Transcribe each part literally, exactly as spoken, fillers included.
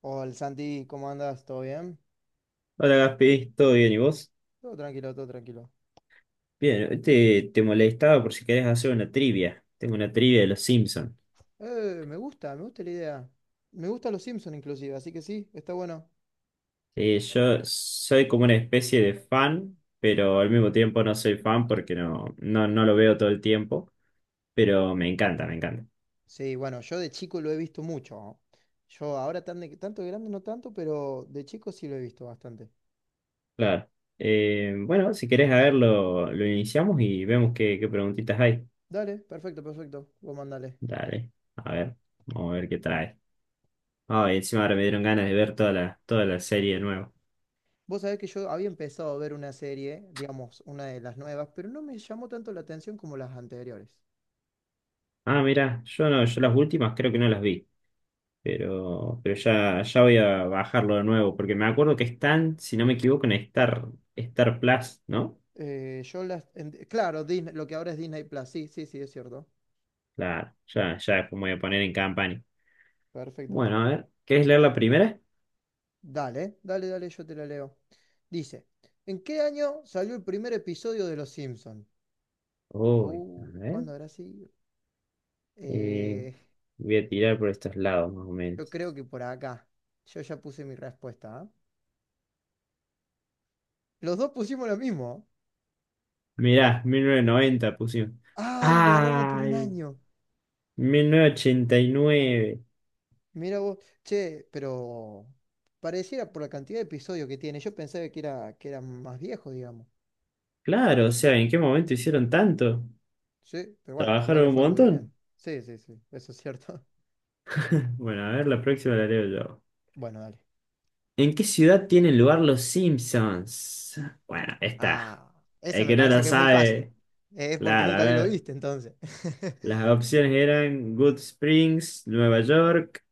Hola Santi, ¿cómo andas? ¿Todo bien? Hola Gaspi, ¿todo bien y vos? Todo tranquilo, todo tranquilo. Bien, te, te molestaba por si querés hacer una trivia. Tengo una trivia de los Simpsons. Eh, me gusta, me gusta la idea. Me gustan los Simpsons inclusive, así que sí, está bueno. Yo soy como una especie de fan, pero al mismo tiempo no soy fan porque no, no, no lo veo todo el tiempo. Pero me encanta, me encanta. Sí, bueno, yo de chico lo he visto mucho. Yo ahora tan de- tanto de grande no tanto, pero de chico sí lo he visto bastante. Claro. Eh, bueno, si querés a ver, lo, lo iniciamos y vemos qué, qué preguntitas hay. Dale, perfecto, perfecto. Vos mandale. Dale, a ver, vamos a ver qué trae. Ah, y encima ahora me dieron ganas de ver toda la, toda la serie de nuevo. Vos sabés que yo había empezado a ver una serie, digamos, una de las nuevas, pero no me llamó tanto la atención como las anteriores. Ah, mira, yo no, yo las últimas creo que no las vi. Pero, pero ya, ya voy a bajarlo de nuevo, porque me acuerdo que están, si no me equivoco, en Star, Star Plus, ¿no? Eh, yo las en- claro, Disney- lo que ahora es Disney Plus, sí, sí, sí, es cierto. Claro, ya, ya después me voy a poner en campaña. Perfecto. Bueno, a ver, ¿quieres leer la primera? Dale, dale, dale, yo te la leo. Dice, ¿en qué año salió el primer episodio de Los Simpson? Uy, a Uy, ver. ¿cuándo habrá sido? eh, Eh, Voy a tirar por estos lados, más o yo menos. creo que por acá. Yo ya puse mi respuesta, ¿ah? Los dos pusimos lo mismo. Mirá, mil novecientos noventa pusimos. ¡Ay, le erramos por un ¡Ay! año! Mil novecientos ochenta y nueve. Mira vos, che, pero pareciera por la cantidad de episodios que tiene. Yo pensaba que era, que era más viejo, digamos. Claro, o sea, ¿en qué momento hicieron tanto? Sí, pero bueno, también ¿Trabajaron le un fue muy montón? bien. Sí, sí, sí, eso es cierto. Bueno, a ver, la próxima la leo yo. Bueno, dale. ¿En qué ciudad tienen lugar los Simpsons? Bueno, esta. Ah, esa El me que no parece la que es muy fácil. sabe. Es porque Claro, a nunca vi lo ver. viste, entonces. Las opciones eran Good Springs, Nueva York,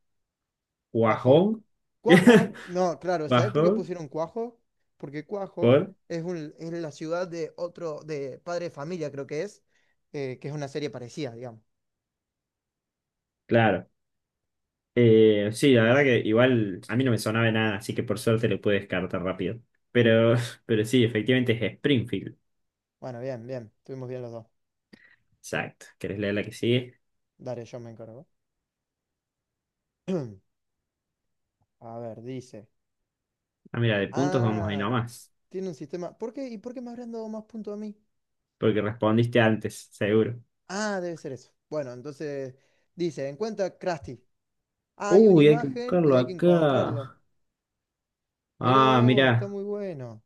Cuajo. Guajón. Cuajo, no, claro, ¿sabes por qué Guajón, pusieron Cuajo? Porque Cuajo por. es, un, es la ciudad de otro, de Padre de Familia, creo que es, eh, que es una serie parecida, digamos. Claro. Eh, sí, la verdad que igual a mí no me sonaba de nada, así que por suerte lo pude descartar rápido. Pero, pero sí, efectivamente es Springfield. Bueno, bien, bien, estuvimos bien los dos. Exacto. ¿Querés leer la que sigue? Dale, yo me encargo. A ver, dice. Ah, mira, de puntos vamos ahí Ah, nomás. tiene un sistema. ¿Por qué? ¿Y por qué me habrán dado más puntos a mí? Porque respondiste antes, seguro. Ah, debe ser eso. Bueno, entonces dice, encuentra Krusty. Hay una Uy, hay que imagen y buscarlo hay que acá. encontrarlo. Mirá Ah, vos, está mira, muy bueno.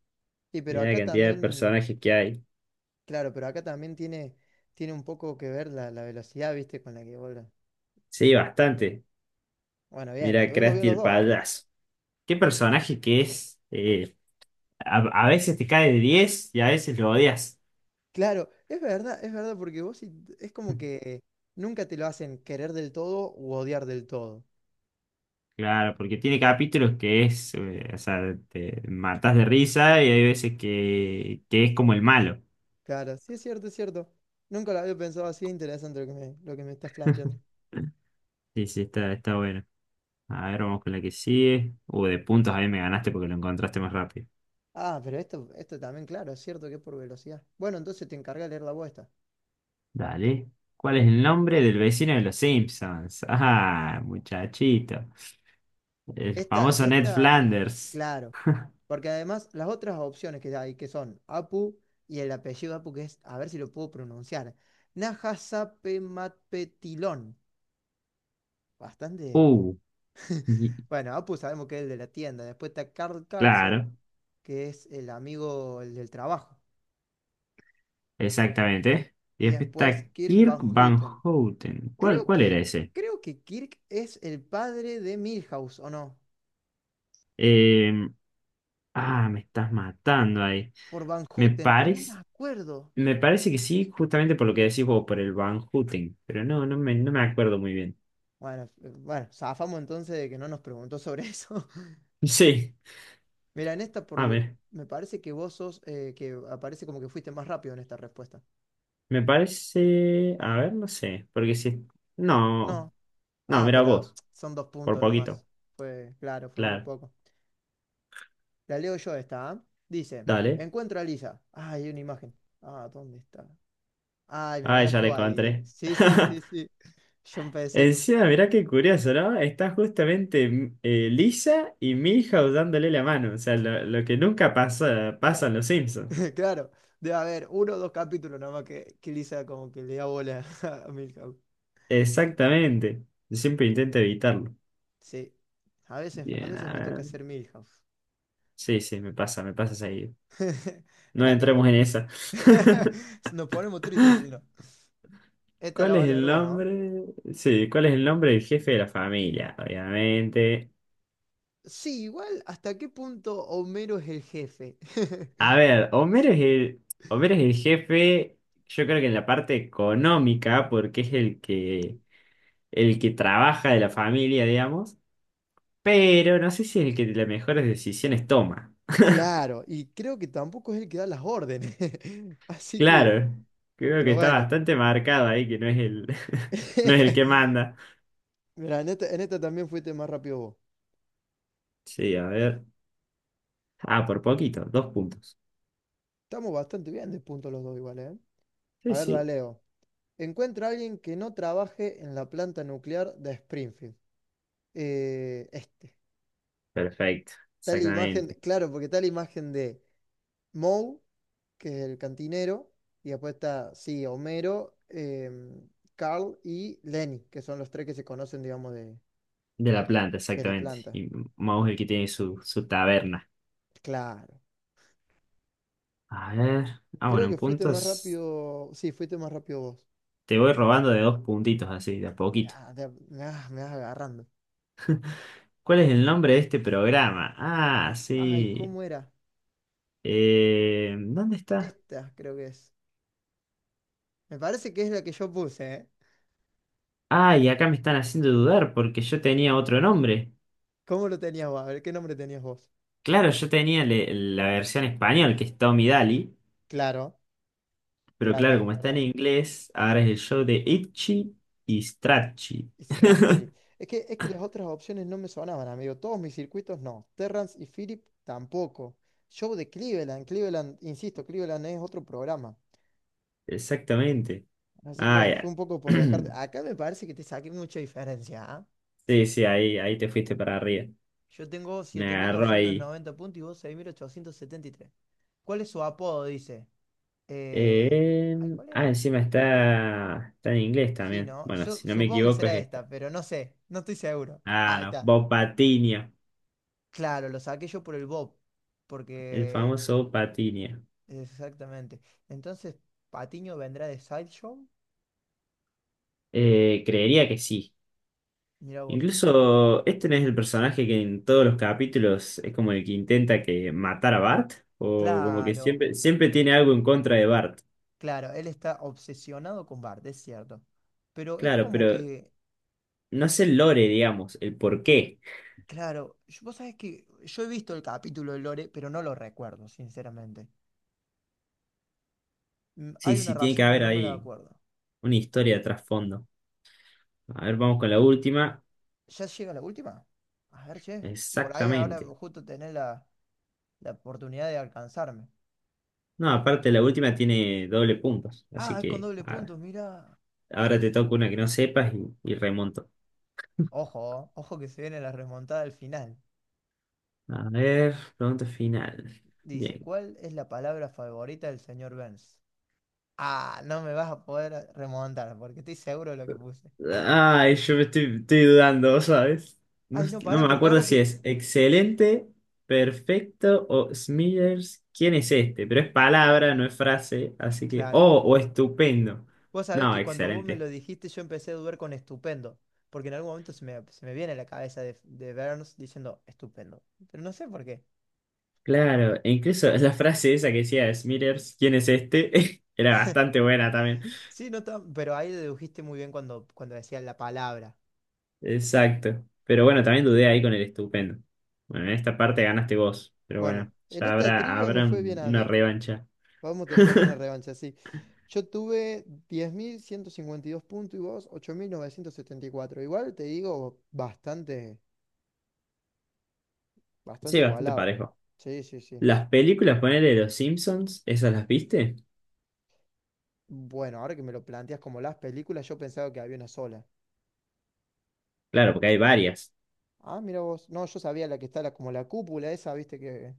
Y pero mira la acá cantidad de también, personajes que hay. claro, pero acá también tiene, tiene, un poco que ver la, la velocidad, ¿viste? Con la que vos. la- Sí, bastante. Bueno, bien, Mira, tuvimos bien Krusty los el dos, ¿eh? payaso. Qué personaje que es. Eh, a, a veces te cae de diez y a veces lo odias. Claro, es verdad, es verdad, porque vos sí- es como que nunca te lo hacen querer del todo u odiar del todo. Claro, porque tiene capítulos que es, eh, o sea, te matas de risa y hay veces que, que, es como el malo. Claro, sí es cierto, es cierto. Nunca lo había pensado así, interesante lo que me, lo que me estás planteando. Sí, sí, está, está bueno. A ver, vamos con la que sigue. Uh, de puntos ahí me ganaste porque lo encontraste más rápido. Ah, pero esto, esto también, claro, es cierto que es por velocidad. Bueno, entonces te encarga de leer la voz. Dale. ¿Cuál es el nombre del vecino de los Simpsons? Ah, muchachito. El Esta, famoso Ned esta, Flanders. claro. Porque además las otras opciones que hay, que son Apu y el apellido Apu, que es, a ver si lo puedo pronunciar, Nahasapematpetilón. Bastante. Uh, y- Bueno, Apu sabemos que es el de la tienda. Después está Carl Carlson, claro, que es el amigo, el del trabajo. exactamente. Y Y después después está Kirk Kirk Van Van Houten. Houten. ¿Cuál, Creo cuál era que, ese? creo que Kirk es el padre de Milhouse, ¿o no? Eh, ah, Me estás matando ahí. Por Van Me Houten, pero no me parece, acuerdo. me parece que sí, justamente por lo que decís vos, por el Van Houten. Pero no, no me, no me acuerdo muy bien. Bueno, eh, bueno, zafamos entonces de que no nos preguntó sobre eso. Sí, Mira, en esta por a lo- ver. me parece que vos sos, eh, que aparece como que fuiste más rápido en esta respuesta. Me parece. A ver, no sé. Porque si. No. No. No, Ah, mira pero vos. son dos Por puntos nomás. poquito. Fue, claro, fue muy Claro. poco. La leo yo esta, ¿ah? Dice, Dale. encuentro a Lisa. Ah, hay una imagen. Ah, ¿dónde está? Ay, me Ay, ya ganaste le vos ahí, ¿eh? encontré. Sí, sí, sí, sí. Yo empecé. Encima, mirá qué curioso, ¿no? Está justamente eh, Lisa y Milhouse dándole la mano. O sea, lo, lo que nunca pasa, pasa ca- en los Simpsons. Claro, debe haber uno o dos capítulos nomás que, que, Lisa como que le da bola a Milhouse. Exactamente. Yo siempre intento evitarlo. Sí, a veces, a Bien, veces a me toca ver. hacer Milhouse. Sí, sí, me pasa, me pasa seguido. No Mira, acá entremos en esa. nos ponemos tristes si no. Esta ¿Cuál la va es a leer el vos, ¿no? nombre? Sí, ¿cuál es el nombre del jefe de la familia? Obviamente. Sí, igual, ¿hasta qué punto Homero es el jefe? A ver, Homero es el, Homero es el jefe, yo creo que en la parte económica, porque es el que, el que, trabaja de la familia, digamos, pero no sé si es el que las mejores decisiones toma. Claro, y creo que tampoco es el que da las órdenes. Así que, Claro, creo que pero está bueno. bastante marcado ahí que no es el, no es el que manda. Mira, en esta, en esta también fuiste más rápido vos. Sí, a ver. Ah, por poquito, dos puntos. Estamos bastante bien de punto los dos igual, ¿eh? A Sí, ver, la sí. leo. Encuentra a alguien que no trabaje en la planta nuclear de Springfield. Eh, este. Perfecto, Tal imagen, exactamente. claro, porque tal imagen de Moe, que es el cantinero, y después está, sí, Homero, em, Carl y Lenny, que son los tres que se conocen, digamos, de, De la planta, de la exactamente. planta. Y Mouse el que tiene su, su taberna. Claro. A ver. Ah, Creo bueno, en que fuiste más puntos. rápido, sí, fuiste más rápido vos. Te voy robando de dos puntitos así, de a poquito. Ah, de- me vas, me vas agarrando. ¿Cuál es el nombre de este programa? Ah, Ay, sí. ¿cómo era? Eh, ¿dónde está? Esta creo que es. Me parece que es la que yo puse, ¿eh? Ah, y acá me están haciendo dudar porque yo tenía otro nombre. ¿Cómo lo tenías vos? A ver, ¿qué nombre tenías vos? Claro, yo tenía le- la versión español, que es Tommy Daly. Claro, Pero claro, claro, ya es como está en verdad. inglés, ahora es el show de Itchy y Stracci. Scratchy. Es que, es que las otras opciones no me sonaban, amigo. Todos mis circuitos no. Terrance y Philip tampoco. Show de Cleveland. Cleveland, insisto, Cleveland es otro programa. Exactamente. Así que Ah, bueno, fue ya. un poco por descarte. Acá me parece que te saqué mucha diferencia, ¿ah? Sí, sí, ahí, ahí, te fuiste para arriba. Yo tengo Me siete mil agarró doscientos ahí. noventa puntos y vos seis mil ochocientos setenta y tres. ¿Cuál es su apodo? Dice. Eh, Eh, Ay, ¿cuál ah, era? Encima está, está en inglés Sí, también. ¿no? Bueno, Yo si no me supongo que equivoco es será esta. esta, pero no sé. No estoy seguro. Ah, Ahí no, está. Bob Patiño, Claro, lo saqué yo por el Bob. el Porque. famoso Bob Patiño. Exactamente. Entonces, Patiño vendrá de Sideshow. Eh, creería que sí. Mira vos. Incluso este no es el personaje que en todos los capítulos es como el que intenta que matar a Bart, o como que Claro, siempre, siempre tiene algo en contra de Bart. claro, él está obsesionado con Bart, es cierto. Pero es Claro, como pero que, no es sh- el lore, digamos, el por qué. claro, yo- vos sabés que yo he visto el capítulo de Lore, pero no lo recuerdo, sinceramente. Mm, Sí, Hay una sí, tiene que razón, pero haber no me la ahí acuerdo. una historia de trasfondo. A ver, vamos con la última. ¿Ya llega la última? A ver, che. Por ahí ahora Exactamente. justo tenés la, la, oportunidad de alcanzarme. No, aparte la última tiene doble puntos. Así Ah, es con que doble a ver, punto, mira. ahora te toca una que no sepas y, y remonto. Ojo, ojo que se viene la remontada al final. A ver, pregunta final. Dice, Bien. ¿cuál es la palabra favorita del señor Burns? Ah, no me vas a poder remontar porque estoy seguro de lo que puse. Ay, yo me estoy, estoy dudando, ¿sabes? No, Ay, no, pará, no me porque acuerdo ahora que... si es excelente, perfecto o Smithers. ¿Quién es este? Pero es palabra, no es frase. Así que. Claro. Oh, o estupendo. Vos sabés No, que cuando vos me excelente. lo dijiste yo empecé a dudar con estupendo, porque en algún momento se me, se me, viene a la cabeza de, de Burns diciendo estupendo, pero no sé por qué. Claro, e incluso la frase esa que decía Smithers, ¿quién es este? Era bastante buena también. Sí, no está- pero ahí dedujiste muy bien cuando, cuando decía la palabra. Exacto. Pero bueno, también dudé ahí con el estupendo. Bueno, en esta parte ganaste vos, pero Bueno, bueno, en ya esta habrá, trivia me habrá fue bien un- a una mí. revancha. Vamos a tener que hacer una revancha, sí. Yo tuve diez mil ciento cincuenta y dos puntos y vos ocho mil novecientos setenta y cuatro. Igual te digo, bastante, bastante Sí, bastante igualado. parejo. Sí, sí, sí. Las películas, ponele de los Simpsons, ¿esas las viste? Bueno, ahora que me lo planteas como las películas, yo pensaba que había una sola. Claro, porque hay varias. Ah, mira vos. No, yo sabía la que está la- como la cúpula esa, viste que...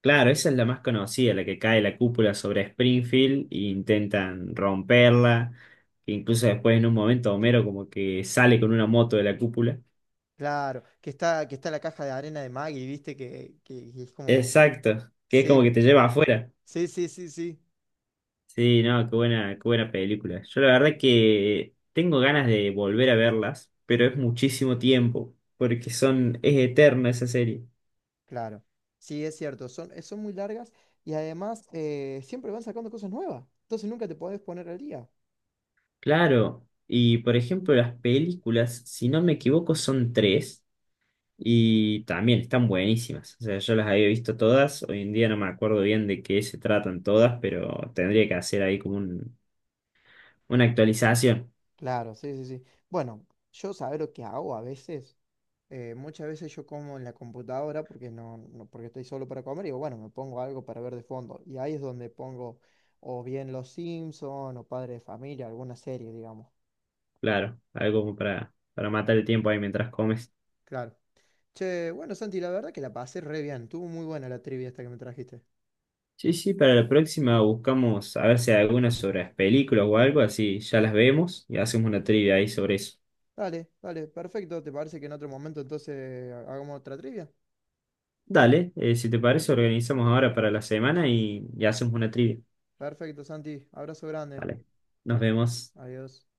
Claro, esa es la más conocida, la que cae la cúpula sobre Springfield e intentan romperla. Que incluso después en un momento Homero como que sale con una moto de la cúpula. Claro, que está, que está, la caja de arena de Maggie, viste que, que que es como... Exacto, que es como que Sí, te lleva afuera. sí, sí, sí, sí. Sí, no, qué buena, qué buena película. Yo la verdad que tengo ganas de volver a verlas, pero es muchísimo tiempo, porque son, es eterna esa serie. Claro, sí, es cierto, son, eh, son muy largas y además eh, siempre van sacando cosas nuevas, entonces nunca te podés poner al día. Claro, y por ejemplo las películas, si no me equivoco, son tres y también están buenísimas. O sea, yo las había visto todas, hoy en día no me acuerdo bien de qué se tratan todas, pero tendría que hacer ahí como un- una actualización, Claro, sí, sí, sí. Bueno, yo saber lo que hago a veces, eh, muchas veces yo como en la computadora porque no, no- porque estoy solo para comer y digo, bueno, me pongo algo para ver de fondo y ahí es donde pongo o bien Los Simpson o Padre de Familia, alguna serie, digamos. claro, algo como para, para matar el tiempo ahí mientras comes. Claro. Che, bueno, Santi, la verdad que la pasé re bien, estuvo muy buena la trivia esta que me trajiste. Sí, sí, para la próxima buscamos a ver si hay algunas sobre las películas o algo, así ya las vemos y hacemos una trivia ahí sobre eso. Dale, dale, perfecto. ¿Te parece que en otro momento entonces hagamos otra trivia? Dale, eh, si te parece, organizamos ahora para la semana y, y, hacemos una trivia. Perfecto, Santi. Abrazo grande. Vale, nos vemos. Adiós.